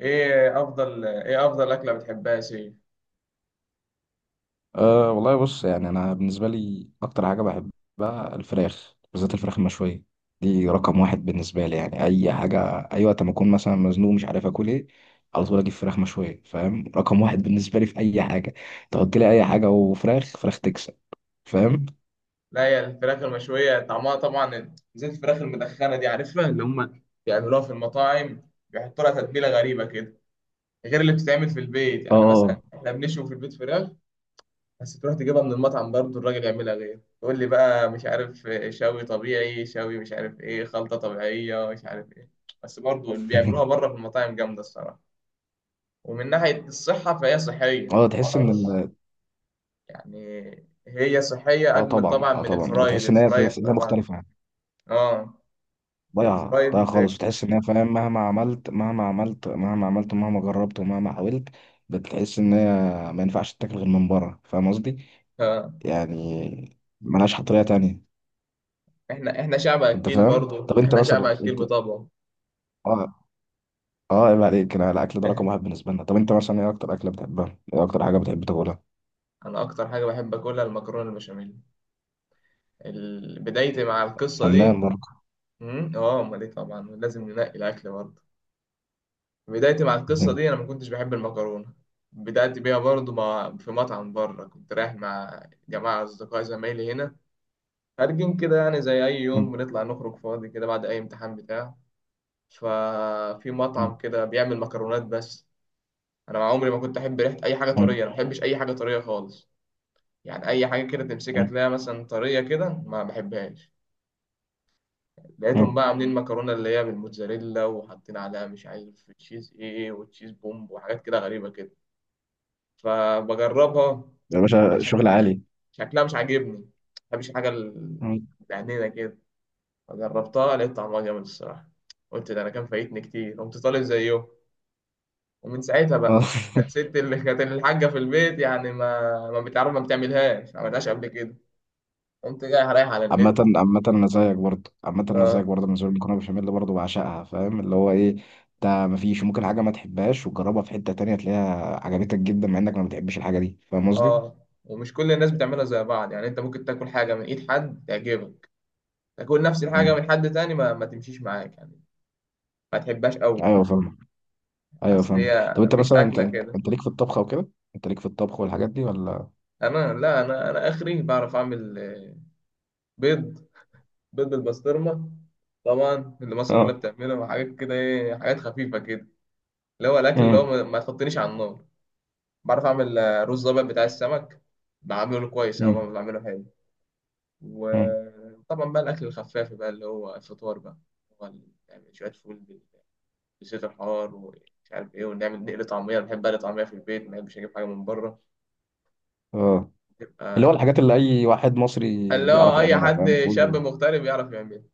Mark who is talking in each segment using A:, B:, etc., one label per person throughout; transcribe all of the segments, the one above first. A: ايه افضل اكله بتحبها يا سيف؟
B: أه والله، بص يعني أنا بالنسبة لي أكتر حاجة بحبها الفراخ، بالذات الفراخ المشوية، دي رقم واحد بالنسبة لي، يعني أي حاجة. أي وقت ما أكون مثلا مزنوق مش عارف آكل إيه، على طول أجيب فراخ مشوية، فاهم؟ رقم واحد بالنسبة لي في أي حاجة. تحط لي أي حاجة وفراخ فراخ تكسب، فاهم؟
A: لا، هي الفراخ المشويه طعمها طبعا زي الفراخ المدخنه دي، عارفها اللي هم بيعملوها في المطاعم، بيحطوا لها تتبيله غريبه كده. غير اللي بتتعمل في البيت، يعني
B: اه.
A: مثلا احنا بنشوي في البيت فراخ. بس تروح تجيبها من المطعم برضه الراجل يعملها غير، تقول لي بقى مش عارف شوي طبيعي، شوي مش عارف ايه، خلطه طبيعيه مش عارف ايه. بس برضه اللي بيعملوها بره في المطاعم جامده الصراحه. ومن ناحيه الصحه فهي صحيه.
B: اه، تحس إن
A: يعني هي صحية أجمل
B: طبعا،
A: طبعا
B: اه
A: من
B: طبعا،
A: الفرايد،
B: وتحس إن هي
A: الفرايد
B: هي
A: طبعا.
B: مختلفة.
A: اه،
B: ضايعة ضايعة
A: الفرايد.
B: خالص، وتحس إن هي، فاهم، مهما عملت مهما عملت مهما عملت ومهما جربت ومهما حاولت، بتحس إن هي ما ينفعش تتاكل غير من بره، فاهم قصدي؟
A: آه.
B: يعني ملهاش طريقة تانية.
A: احنا شعب
B: أنت
A: أكيل
B: فاهم؟
A: برضو،
B: طب أنت
A: احنا شعب
B: مثلا
A: أكيل
B: أنت،
A: بطبعه.
B: آه، آه عيب عليك، أنا الأكل ده رقم واحد بالنسبة لنا. طب أنت مثلا إيه أكتر أكلة بتحبها؟ إيه أكتر حاجة بتحب تاكلها؟
A: أنا أكتر حاجة بحب أكلها المكرونة البشاميل. بدايتي مع القصة دي.
B: فنان برضه.
A: اه، أمال إيه؟ طبعا لازم ننقي الأكل برضو. بدايتي مع القصة دي أنا ما كنتش بحب المكرونة. بدأت بيها برضو في مطعم بره كنت رايح مع جماعة أصدقاء زمايلي هنا. خارجين كده يعني زي أي يوم بنطلع نخرج فاضي كده بعد أي امتحان بتاع. ففي مطعم كده بيعمل مكرونات بس. انا مع عمري ما كنت احب ريحه اي حاجه طريه، انا ما بحبش اي حاجه طريه خالص. يعني اي حاجه كده تمسكها تلاقيها مثلا طريه كده، ما بحبهاش. لقيتهم بقى عاملين مكرونه اللي هي بالموتزاريلا وحاطين عليها مش عارف تشيز ايه، وتشيز بومب وحاجات كده غريبه كده. فبجربها.
B: يا باشا، شغل
A: شكلها شك-
B: عالي.
A: شكلها مش عاجبني، ما بحبش الحاجه بعنينه كده. فجربتها، لقيت طعمها جامد الصراحه. قلت ده انا كان فايتني كتير، قمت طالب زيه. ومن ساعتها بقى. كانت
B: آه.
A: ست اللي كانت الحاجه في البيت يعني ما ما بتعرف، ما بتعملهاش، ما عملتهاش قبل كده. قمت جاي رايح على
B: عامة
A: النت.
B: عامة أنا زيك برضه، عامة أنا زيك
A: اه،
B: برضه، بالنسبة لي المكرونة بشاميل برضه بعشقها، فاهم، اللي هو إيه، ده مفيش، ممكن حاجة ما تحبهاش وتجربها في حتة تانية تلاقيها عجبتك جدا مع إنك ما بتحبش الحاجة دي، فاهم
A: اه،
B: قصدي؟
A: ومش كل الناس بتعملها زي بعض. يعني انت ممكن تاكل حاجه من ايد حد تعجبك. تاكل نفس الحاجه
B: مم.
A: من حد تاني ما تمشيش معاك يعني. ما تحبهاش قوي.
B: أيوه فاهمك. أيوه
A: اصل
B: فاهمك.
A: هي
B: طب أنت
A: مش
B: مثلا أنت
A: اكله
B: أنت,
A: كده.
B: انت ليك في الطبخ أو كده؟ أنت ليك في الطبخ والحاجات دي ولا؟
A: انا، لا، انا اخري بعرف اعمل بيض. بيض بالبسطرمه. طبعا اللي مصر كلها
B: أه.
A: بتعمله، وحاجات كده ايه، حاجات خفيفه كده. اللي هو الاكل اللي هو
B: مم.
A: ما تحطنيش على النار. بعرف أعمل رز أبيض بتاع السمك. بعمله كويس أهو،
B: مم.
A: بعمله حلو.
B: مم.
A: وطبعا بقى الأكل الخفاف بقى اللي هو الفطار بقى. هو يعني شوية فول بزيت الحار ومش عارف إيه، ونعمل نقل طعمية. أنا بحب أقلي طعمية في البيت، ما بحبش أجيب حاجة من بره.
B: أه. اللي هو
A: تبقى
B: الحاجات اللي أي واحد مصري
A: اللي
B: بيعرف
A: هو أي
B: يعملها،
A: حد
B: فاهم،
A: شاب
B: فول.
A: مغترب يعرف يعمل.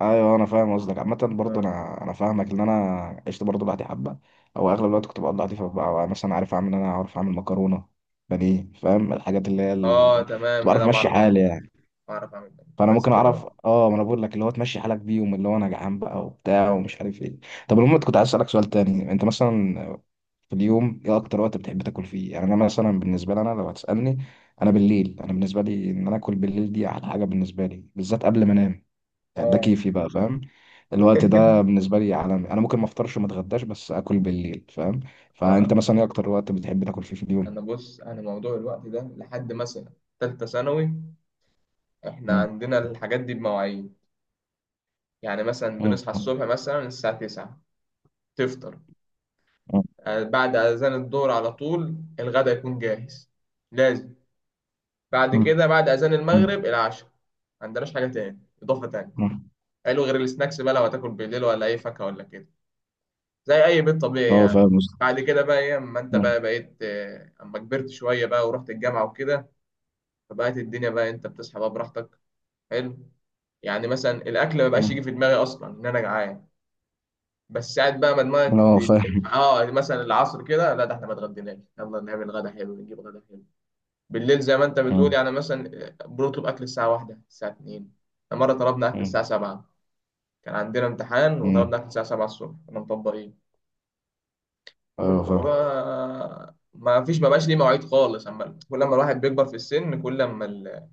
B: ايوه انا فاهم قصدك. عامه برضه
A: آه،
B: انا فاهمك، ان انا عشت برضه لوحدي حبه، او اغلب الوقت كنت بقضي لوحدي، فبقى مثلا عارف اعمل إيه، انا عارف اعمل مكرونه بانيه، فاهم، الحاجات اللي هي
A: آه،
B: كنت
A: تمام،
B: بعرف
A: أنا
B: امشي
A: بعرف
B: حالي
A: أعمل.
B: يعني.
A: بعرف أعمل
B: فانا
A: بس
B: ممكن اعرف،
A: كده.
B: اه ما انا بقول لك، اللي هو تمشي حالك بيهم، اللي هو انا جعان بقى وبتاع ومش عارف ايه. طب المهم كنت عايز اسالك سؤال تاني. انت مثلا في اليوم ايه اكتر وقت بتحب تاكل فيه؟ يعني انا مثلا بالنسبه لي، انا لو هتسالني انا
A: مم.
B: بالليل، انا بالنسبه لي ان انا اكل بالليل دي احلى حاجه بالنسبه لي، بالذات قبل ما انام، يعني ده
A: آه.
B: كيفي بقى، فاهم. الوقت ده بالنسبة لي عالمي، أنا ممكن ما أفطرش وما أتغداش بس أكل بالليل، فاهم. فأنت
A: آه،
B: مثلا إيه أكتر وقت بتحب تاكل فيه في اليوم؟
A: أنا بص أنا موضوع الوقت ده لحد مثلا تالتة ثانوي. احنا
B: مم.
A: عندنا الحاجات دي بمواعيد. يعني مثلا بنصحى
B: مم.
A: الصبح مثلا الساعة 9، تفطر.
B: مم.
A: بعد أذان الظهر على طول الغدا يكون جاهز، لازم. بعد
B: مم.
A: كده بعد أذان
B: مم.
A: المغرب العشاء. ما عندناش حاجة تاني، إضافة تانية
B: مم.
A: حلو غير السناكس بقى لو هتاكل بالليل، ولا أي فاكهة ولا كده، زي أي بيت طبيعي
B: أه
A: يعني.
B: فاهم قصدك.
A: بعد كده بقى إيه أما أنت
B: مم.
A: بقى بقيت أما كبرت شوية بقى ورحت الجامعة وكده، فبقت الدنيا بقى أنت بتصحى بقى براحتك. حلو. يعني مثلا الأكل ما بقاش يجي في
B: مم.
A: دماغي أصلا إن أنا جعان. بس قاعد بقى ما دماغك
B: أه فاهم.
A: مثلا العصر كده، لا ده احنا ما اتغديناش، يلا نعمل غدا حلو، نجيب غدا حلو. بالليل زي ما انت بتقول،
B: مم.
A: يعني مثلا بنطلب اكل الساعه واحدة، الساعه 2. مره طلبنا اكل الساعه
B: مم.
A: 7. كان عندنا امتحان
B: مم.
A: وطلبنا اكل الساعه 7 الصبح كنا مطبقين.
B: أه فاهم.
A: وما ما فيش، ما بقاش ليه مواعيد خالص. اما كل ما الواحد بيكبر في السن كل ما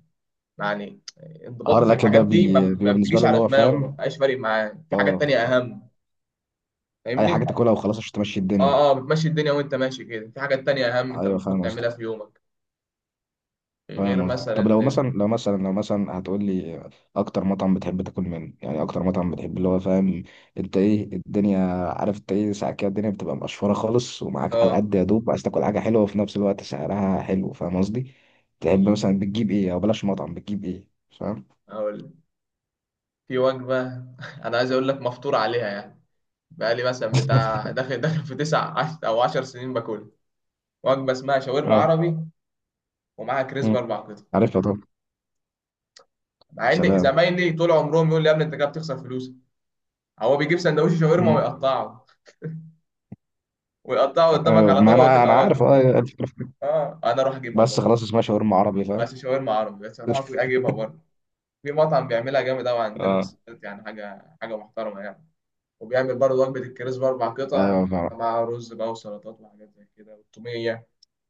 A: يعني
B: حوار
A: انضباطه في
B: الأكل
A: الحاجات
B: ده،
A: دي ما ما
B: بيبقى بالنسبة
A: بتجيش
B: له اللي
A: على
B: هو
A: دماغه، ما
B: فاهم،
A: بقاش فارق معاه، في حاجات
B: أه
A: تانية
B: أه.
A: اهم.
B: أي
A: فاهمني.
B: حاجة تاكلها وخلاص عشان تمشي الدنيا.
A: اه، اه، بتمشي الدنيا وانت ماشي كده، في حاجات تانية اهم انت
B: أيوه
A: المفروض
B: فاهم
A: تعملها
B: قصدك.
A: في يومك. غير
B: فاهم قصدك.
A: مثلا
B: طب لو مثلا لو مثلا لو مثلا هتقول لي اكتر مطعم بتحب تاكل منه، يعني اكتر مطعم بتحب، اللي هو فاهم، انت ايه الدنيا، عارف انت ايه، ساعات كده الدنيا بتبقى مقشفره خالص ومعاك على
A: اه،
B: قد يا دوب، عايز تاكل حاجه حلوه وفي نفس الوقت سعرها حلو، فاهم قصدي، تحب
A: في
B: مثلا بتجيب ايه؟ او بلاش مطعم، بتجيب ايه؟ فاهم.
A: اقول، في وجبة. انا عايز اقول لك مفطور عليها يعني. بقالي مثلا بتاع داخل، داخل في او عشر سنين باكلها. وجبة اسمها شاورما
B: اه.
A: عربي، ومعاها كريسب
B: مم.
A: اربع قطع.
B: عارفها طبعا.
A: مع ان
B: سلام.
A: زمايلي طول عمرهم يقول لي يا ابني انت كده بتخسر فلوسك. هو بيجيب سندوتش شاورما
B: مم.
A: ويقطعه، ويقطعه قدامك
B: آه،
A: على
B: ما
A: طبق
B: انا
A: وتبقى
B: عارف
A: وجبة.
B: اه الفكرة في كده.
A: اه انا اروح اجيبها
B: بس
A: برضه.
B: خلاص اسمها شاورما عربي، فاهم.
A: بس شاورما عربي، بس اروح اجيبها برضه. في مطعم بيعملها جامد قوي عندنا في
B: اه.
A: السويد، يعني حاجه، حاجه محترمه يعني. وبيعمل برضه وجبه الكريز باربع قطع،
B: ايوه فاهم.
A: مع رز بقى وسلطات وحاجات زي كده، والتوميه.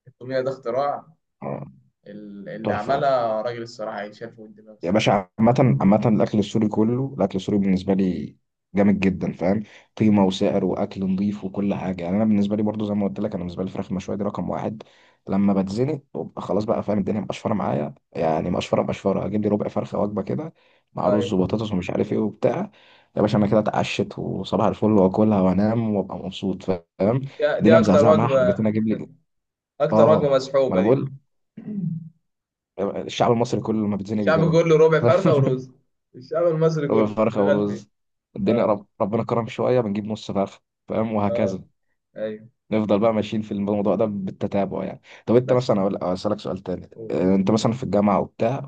A: التوميه ده اختراع،
B: آه،
A: اللي
B: تحفه.
A: عملها راجل الصراحه يشال فوق الدماغ
B: يا
A: الصراحه.
B: باشا، عامة عامة الأكل السوري كله، الأكل السوري بالنسبة لي جامد جدا، فاهم، قيمة وسعر وأكل نظيف وكل حاجة، يعني أنا بالنسبة لي برضو، زي ما قلت لك، أنا بالنسبة لي الفراخ المشوية دي رقم واحد. لما بتزنق ببقى خلاص بقى، فاهم، الدنيا مقشفرة معايا، يعني مقشفرة مقشفرة، أجيب لي ربع فرخة وجبة كده مع رز
A: طيب.
B: وبطاطس ومش عارف إيه وبتاع. يا باشا أنا كده اتعشت وصباح الفل، وأكلها وأنام وأبقى مبسوط،
A: دي
B: فاهم.
A: دي
B: الدنيا
A: اكتر
B: مزعزعة معايا،
A: وجبه
B: حبيت أنا أجيب لي.
A: اكتر
B: آه،
A: وجبه
B: ما
A: مسحوبه
B: أنا
A: دي.
B: بقول، الشعب المصري كله لما بيتزنق
A: الشعب
B: بيجيبها.
A: كله ربع فرخه ورز. الشعب المصري
B: ربع
A: كله
B: فرخة
A: شغال فيه.
B: ورز. الدنيا
A: اه،
B: ربنا كرم شوية بنجيب نص فرخة، فاهم وهكذا.
A: اه، ايوه،
B: نفضل بقى ماشيين في الموضوع ده بالتتابع يعني. طب انت
A: بس
B: مثلا اسألك سؤال تاني،
A: قول.
B: اه، انت مثلا في الجامعة وبتاع،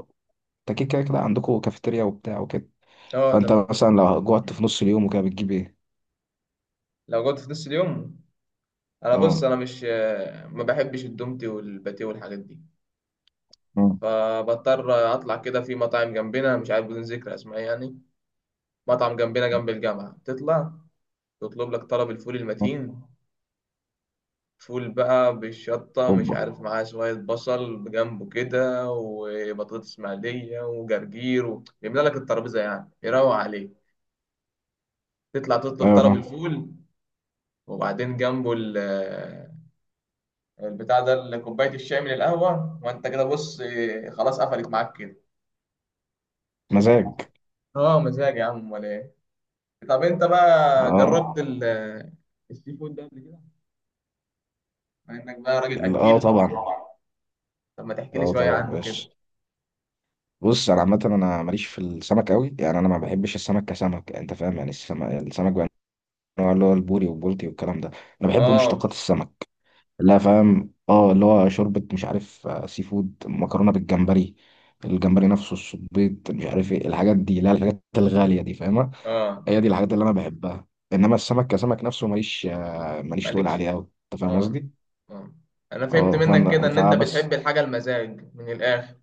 B: انت كده عندكم كافيتيريا وبتاع وكده.
A: اه،
B: فانت
A: تمام.
B: مثلا لو جوعت في نص اليوم وكده بتجيب ايه؟
A: لو جوت في نص اليوم، انا بص
B: اه.
A: انا مش ما بحبش الدومتي والباتيه والحاجات دي.
B: اه.
A: فبضطر اطلع كده في مطاعم جنبنا مش عارف بدون ذكر اسماء يعني. مطعم جنبنا جنب الجامعه، تطلع تطلب لك طلب الفول المتين، فول بقى بالشطه مش
B: اوبا.
A: عارف معاه شويه بصل بجنبه كده، وبطاطس مقليه وجرجير و يملى لك الترابيزه، يعني يروق عليه. تطلع تطلب
B: ايوه
A: طلب
B: فاهم.
A: الفول. وبعدين جنبه البتاع ده كوبايه الشاي من القهوه، وانت كده بص، خلاص قفلت معاك كده.
B: مزاج.
A: اه، مزاج يا عم ولا ايه؟ طب انت بقى
B: اه.
A: جربت السي فود ده قبل كده، مع انك بقى راجل اكيل؟
B: طبعا.
A: طب ما تحكي لي
B: اه
A: شويه
B: طبعا
A: عنه كده.
B: بس، بص انا عامه انا ماليش في السمك قوي، يعني انا ما بحبش السمك كسمك، انت فاهم، يعني السمك السمك النوع اللي هو البوري والبولتي والكلام ده. انا بحب
A: اه،
B: مشتقات السمك. لا فاهم، اه اللي هو شوربة مش عارف، آه، سي فود، مكرونة بالجمبري، الجمبري نفسه، الصبيط، مش عارف ايه الحاجات دي، لا الحاجات الغالية دي فاهمة.
A: اه،
B: هي دي الحاجات اللي انا بحبها. انما السمك كسمك نفسه ماليش، آه، ماليش تقول
A: مالكش.
B: عليه قوي، انت فاهم
A: اه،
B: قصدي.
A: اه، انا فهمت
B: اه
A: منك كده ان انت
B: فبس.
A: بتحب الحاجه المزاج من الاخر.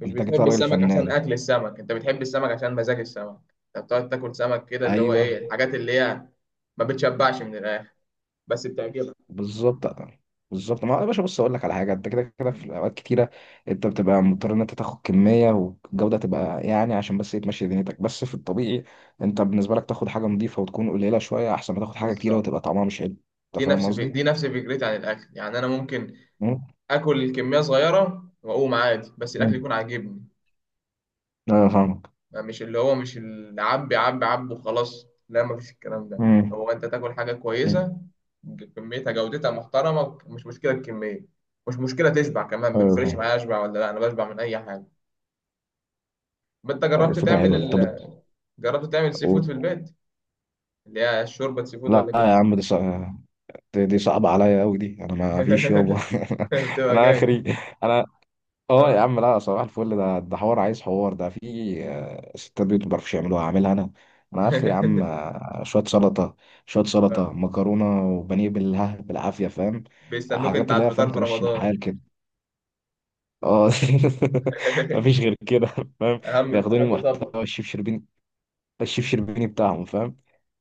A: مش
B: انت كده
A: بتحب
B: راجل
A: السمك عشان
B: فنان.
A: اكل السمك، انت بتحب السمك عشان مزاج السمك. انت بتقعد تاكل سمك كده اللي هو ايه
B: ايوه.
A: الحاجات اللي هي، ما بتشبعش من الاخر بس بتعجبك.
B: بالظبط. بالظبط، ما هو يا باشا، بص اقول لك على حاجه، انت كده كده
A: مم.
B: في اوقات كتيره انت بتبقى مضطر ان انت تاخد كميه والجوده تبقى، يعني عشان بس ايه تمشي دنيتك بس، في الطبيعي انت بالنسبه لك تاخد حاجه نظيفه وتكون قليله شويه احسن ما تاخد حاجه كتيره
A: بالظبط.
B: وتبقى طعمها مش حلو، انت فاهم
A: دي
B: قصدي؟
A: نفس فكرتي عن الاكل، يعني انا ممكن
B: مم.
A: اكل كميه صغيره واقوم عادي بس الاكل
B: مم.
A: يكون عاجبني.
B: ايوه فاهمك.
A: يعني مش اللي عبي عبي عبي وخلاص، لا مفيش الكلام ده.
B: مم.
A: هو انت تاكل حاجه
B: مم.
A: كويسه كميتها جودتها محترمه، مش مشكله الكميه، مش مشكله تشبع كمان، ما
B: ايوه
A: بيفرقش
B: فاهم.
A: معايا اشبع ولا لا، انا بشبع من اي حاجه. ما انت جربت
B: الفكره
A: تعمل
B: حلوه دي. طب،
A: جربت تعمل سي فود
B: قول.
A: في البيت، اللي هي شوربه سي فود
B: لا
A: ولا كده؟
B: يا عم، دي صعبه عليا قوي، دي انا ما فيش يابا.
A: بتبقى
B: انا
A: جاي.
B: اخري. انا، اه يا
A: اه.
B: عم، لا صباح الفل، ده حوار، عايز حوار ده في، آه، ستات بيوت ما بيعرفوش يعملوها هعملها انا. انا اخري يا عم، آه، شويه سلطه، شويه
A: آه.
B: سلطه مكرونه وبانيه بالها بالعافيه، فاهم،
A: بيستنوك انت
B: حاجات
A: على
B: اللي هي فاهم
A: الفطار في
B: تمشي
A: رمضان.
B: الحال كده. اه. مفيش غير كده، فاهم.
A: اهم،
B: بياخدوني
A: اهم طبق.
B: محتوى الشيف شربيني، الشيف شربيني بتاعهم، فاهم.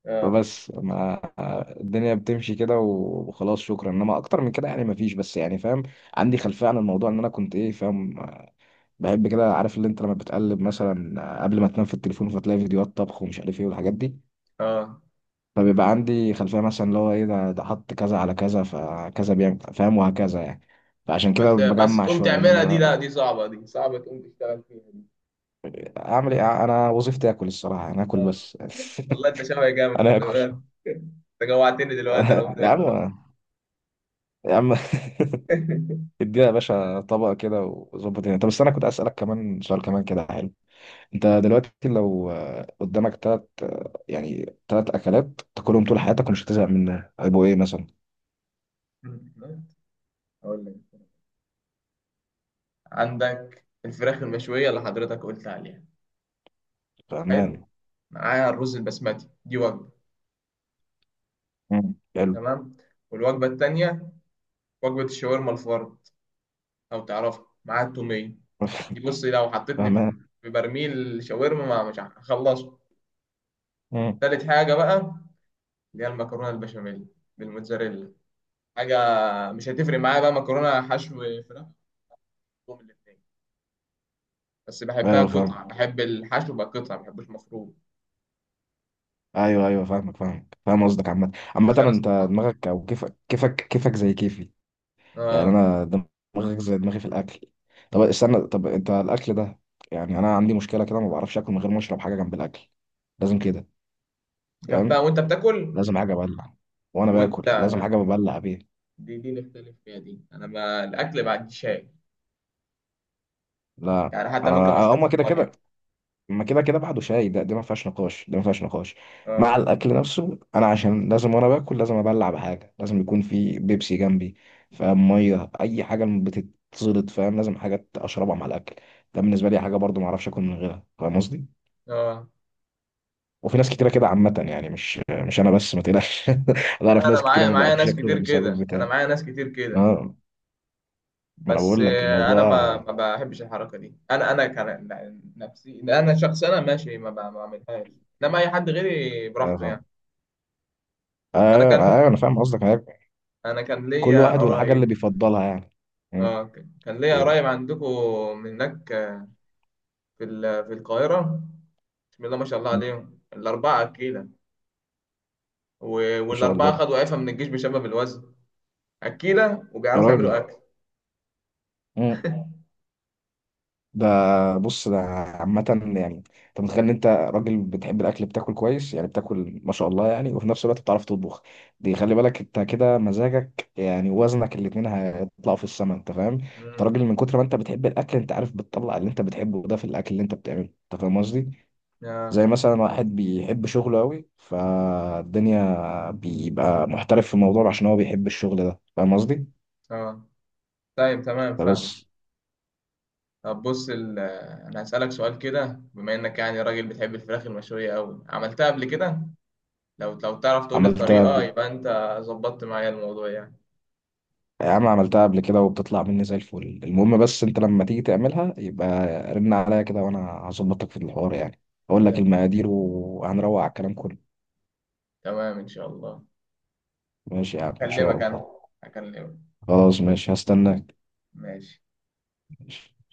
A: آه.
B: فبس ما، آه، الدنيا بتمشي كده وخلاص، شكرا، انما اكتر من كده يعني مفيش، بس يعني فاهم، عندي خلفيه عن الموضوع ان انا كنت ايه فاهم، بحب كده، عارف اللي انت لما بتقلب مثلا قبل ما تنام في التليفون فتلاقي فيديوهات طبخ ومش عارف ايه والحاجات دي،
A: اه،
B: فبيبقى عندي خلفية مثلا اللي هو ايه، ده حط كذا على كذا فكذا بيعمل، فاهم وهكذا يعني، فعشان كده
A: بس
B: بجمع
A: تقوم
B: شوية،
A: تعملها دي،
B: انما
A: لا دي صعبة، دي صعبة تقوم تشتغل فيها دي.
B: اعمل ايه، انا وظيفتي اكل الصراحة، انا اكل
A: آه.
B: بس.
A: والله انت شبهي جامد،
B: انا
A: خلي
B: اكل.
A: بالك. انت جوعتني دلوقتي، انا قمت
B: يا عم.
A: اكل أهو.
B: يا عم. ادينا يا باشا طبق كده وظبط الدنيا. طب بس انا كنت اسألك كمان سؤال كمان كده، حلو، انت دلوقتي لو، آه، قدامك تلات، آه، يعني تلات اكلات تاكلهم طول حياتك ومش هتزهق منها هيبقوا ايه مثلا؟
A: اقول لك، عندك الفراخ المشوية اللي حضرتك قلت عليها، حلو،
B: فاهمان.
A: معاها الرز البسمتي دي وجبة.
B: مم. حلو.
A: تمام. والوجبة التانية وجبة الشاورما الفرد، لو تعرفها معاها التومية. دي بص لو حطيتني
B: فاهمان.
A: في برميل شاورما ما مش هخلصه.
B: مم.
A: تالت حاجة بقى اللي هي المكرونة البشاميل بالموتزاريلا. حاجة مش هتفرق معايا بقى مكرونة حشو، فراخ، بحبهم الاتنين. بس بحبها
B: ايوه فاهم.
A: قطعة، بحب الحشو بقى قطعة ما بحبوش مفروض،
B: ايوه ايوه فاهمك فاهمك فاهم قصدك. عامة عامة
A: عشان
B: انت
A: استطعم.
B: دماغك او كيفك كيفك كيفك زي كيفي. يعني
A: اه،
B: انا دماغك زي دماغي في الاكل. طب استنى، طب انت الاكل ده، يعني انا عندي مشكلة كده ما بعرفش اكل من غير ما اشرب حاجة جنب الاكل، لازم كده،
A: جنبها
B: فاهم،
A: وانت بتاكل.
B: لازم حاجة ابلع، وانا
A: وانت
B: باكل
A: لا
B: لازم
A: لا،
B: حاجة ببلع بيها.
A: دي نختلف فيها، دي انا ما الاكل ما عنديش هاي.
B: لا
A: يعني حتى
B: انا،
A: ممكن ما اشربش
B: هما كده كده،
A: ميه.
B: ما كده كده بعده شاي، ده ما فيهاش نقاش، ده ما فيهاش نقاش.
A: اه،
B: مع الاكل نفسه انا عشان لازم، وانا باكل لازم ابلع بحاجه، لازم يكون في بيبسي جنبي، فاهم، ميه اي حاجه بتتزلط، فاهم لازم حاجه اشربها مع الاكل، ده بالنسبه لي حاجه برضو ما اعرفش اكل من غيرها، فاهم قصدي.
A: اه،
B: وفي ناس كتيره كده عامه، يعني مش انا بس، ما تقلقش، انا اعرف
A: لا انا
B: ناس كتيره
A: معايا
B: ما
A: معايا
B: بيعرفوش
A: ناس
B: ياكلوا
A: كتير
B: غير بسبب
A: كده، انا
B: بتاع.
A: معايا ناس كتير كده.
B: اه ما انا
A: بس
B: بقول لك
A: انا ما
B: الموضوع.
A: ما بحبش الحركه دي، انا كان نفسي انا شخص انا ماشي ما بعملهاش. انما اي حد غيري
B: ايوه
A: براحته يعني.
B: فاهم.
A: انا
B: ايوه انا
A: كان
B: ايوه انا فاهم قصدك.
A: انا كان
B: كل
A: ليا
B: واحد والحاجة اللي
A: قرايب.
B: بيفضلها يعني. مم.
A: اه كان ليا
B: قول.
A: قرايب عندكم من هناك، في في القاهره. بسم الله ما شاء الله
B: مم.
A: عليهم الاربعه اكيله.
B: ما شاء الله.
A: والاربعه خدوا عفه من الجيش بسبب الوزن. اكيله
B: يا
A: وبيعرفوا يعملوا
B: راجل.
A: اكل.
B: مم. ده بص، ده عامة يعني، انت متخيل ان انت راجل بتحب الاكل، بتاكل كويس يعني، بتاكل ما شاء الله يعني، وفي نفس الوقت بتعرف تطبخ، دي خلي بالك، انت كده مزاجك، يعني وزنك الاتنين هيطلعوا في السما، انت فاهم. انت
A: امم.
B: راجل، من كتر ما انت بتحب الاكل، انت عارف، بتطلع اللي انت بتحبه ده في الاكل اللي انت بتعمله، انت فاهم قصدي،
A: اه،
B: زي مثلا واحد بيحب شغله قوي فالدنيا بيبقى محترف في الموضوع عشان هو بيحب الشغل ده، فاهم قصدي.
A: اه، طيب، تمام، فاهم.
B: فبس.
A: طب بص انا هسالك سؤال كده، بما انك يعني راجل بتحب الفراخ المشويه قوي، عملتها قبل كده، لو تعرف تقول لي
B: عملتها
A: الطريقه
B: ب-
A: يبقى انت ظبطت معايا الموضوع يعني.
B: يا عم عملتها قبل كده وبتطلع مني زي الفل، المهم بس انت لما تيجي تعملها يبقى رن عليا كده وانا هظبطك في الحوار، يعني اقول لك المقادير وهنروق على الكلام كله.
A: تمام إن شاء الله.
B: ماشي يا عم، ان شاء
A: أكلمك
B: الله.
A: أنا، أكلمك.
B: خلاص ماشي، هستناك.
A: ماشي.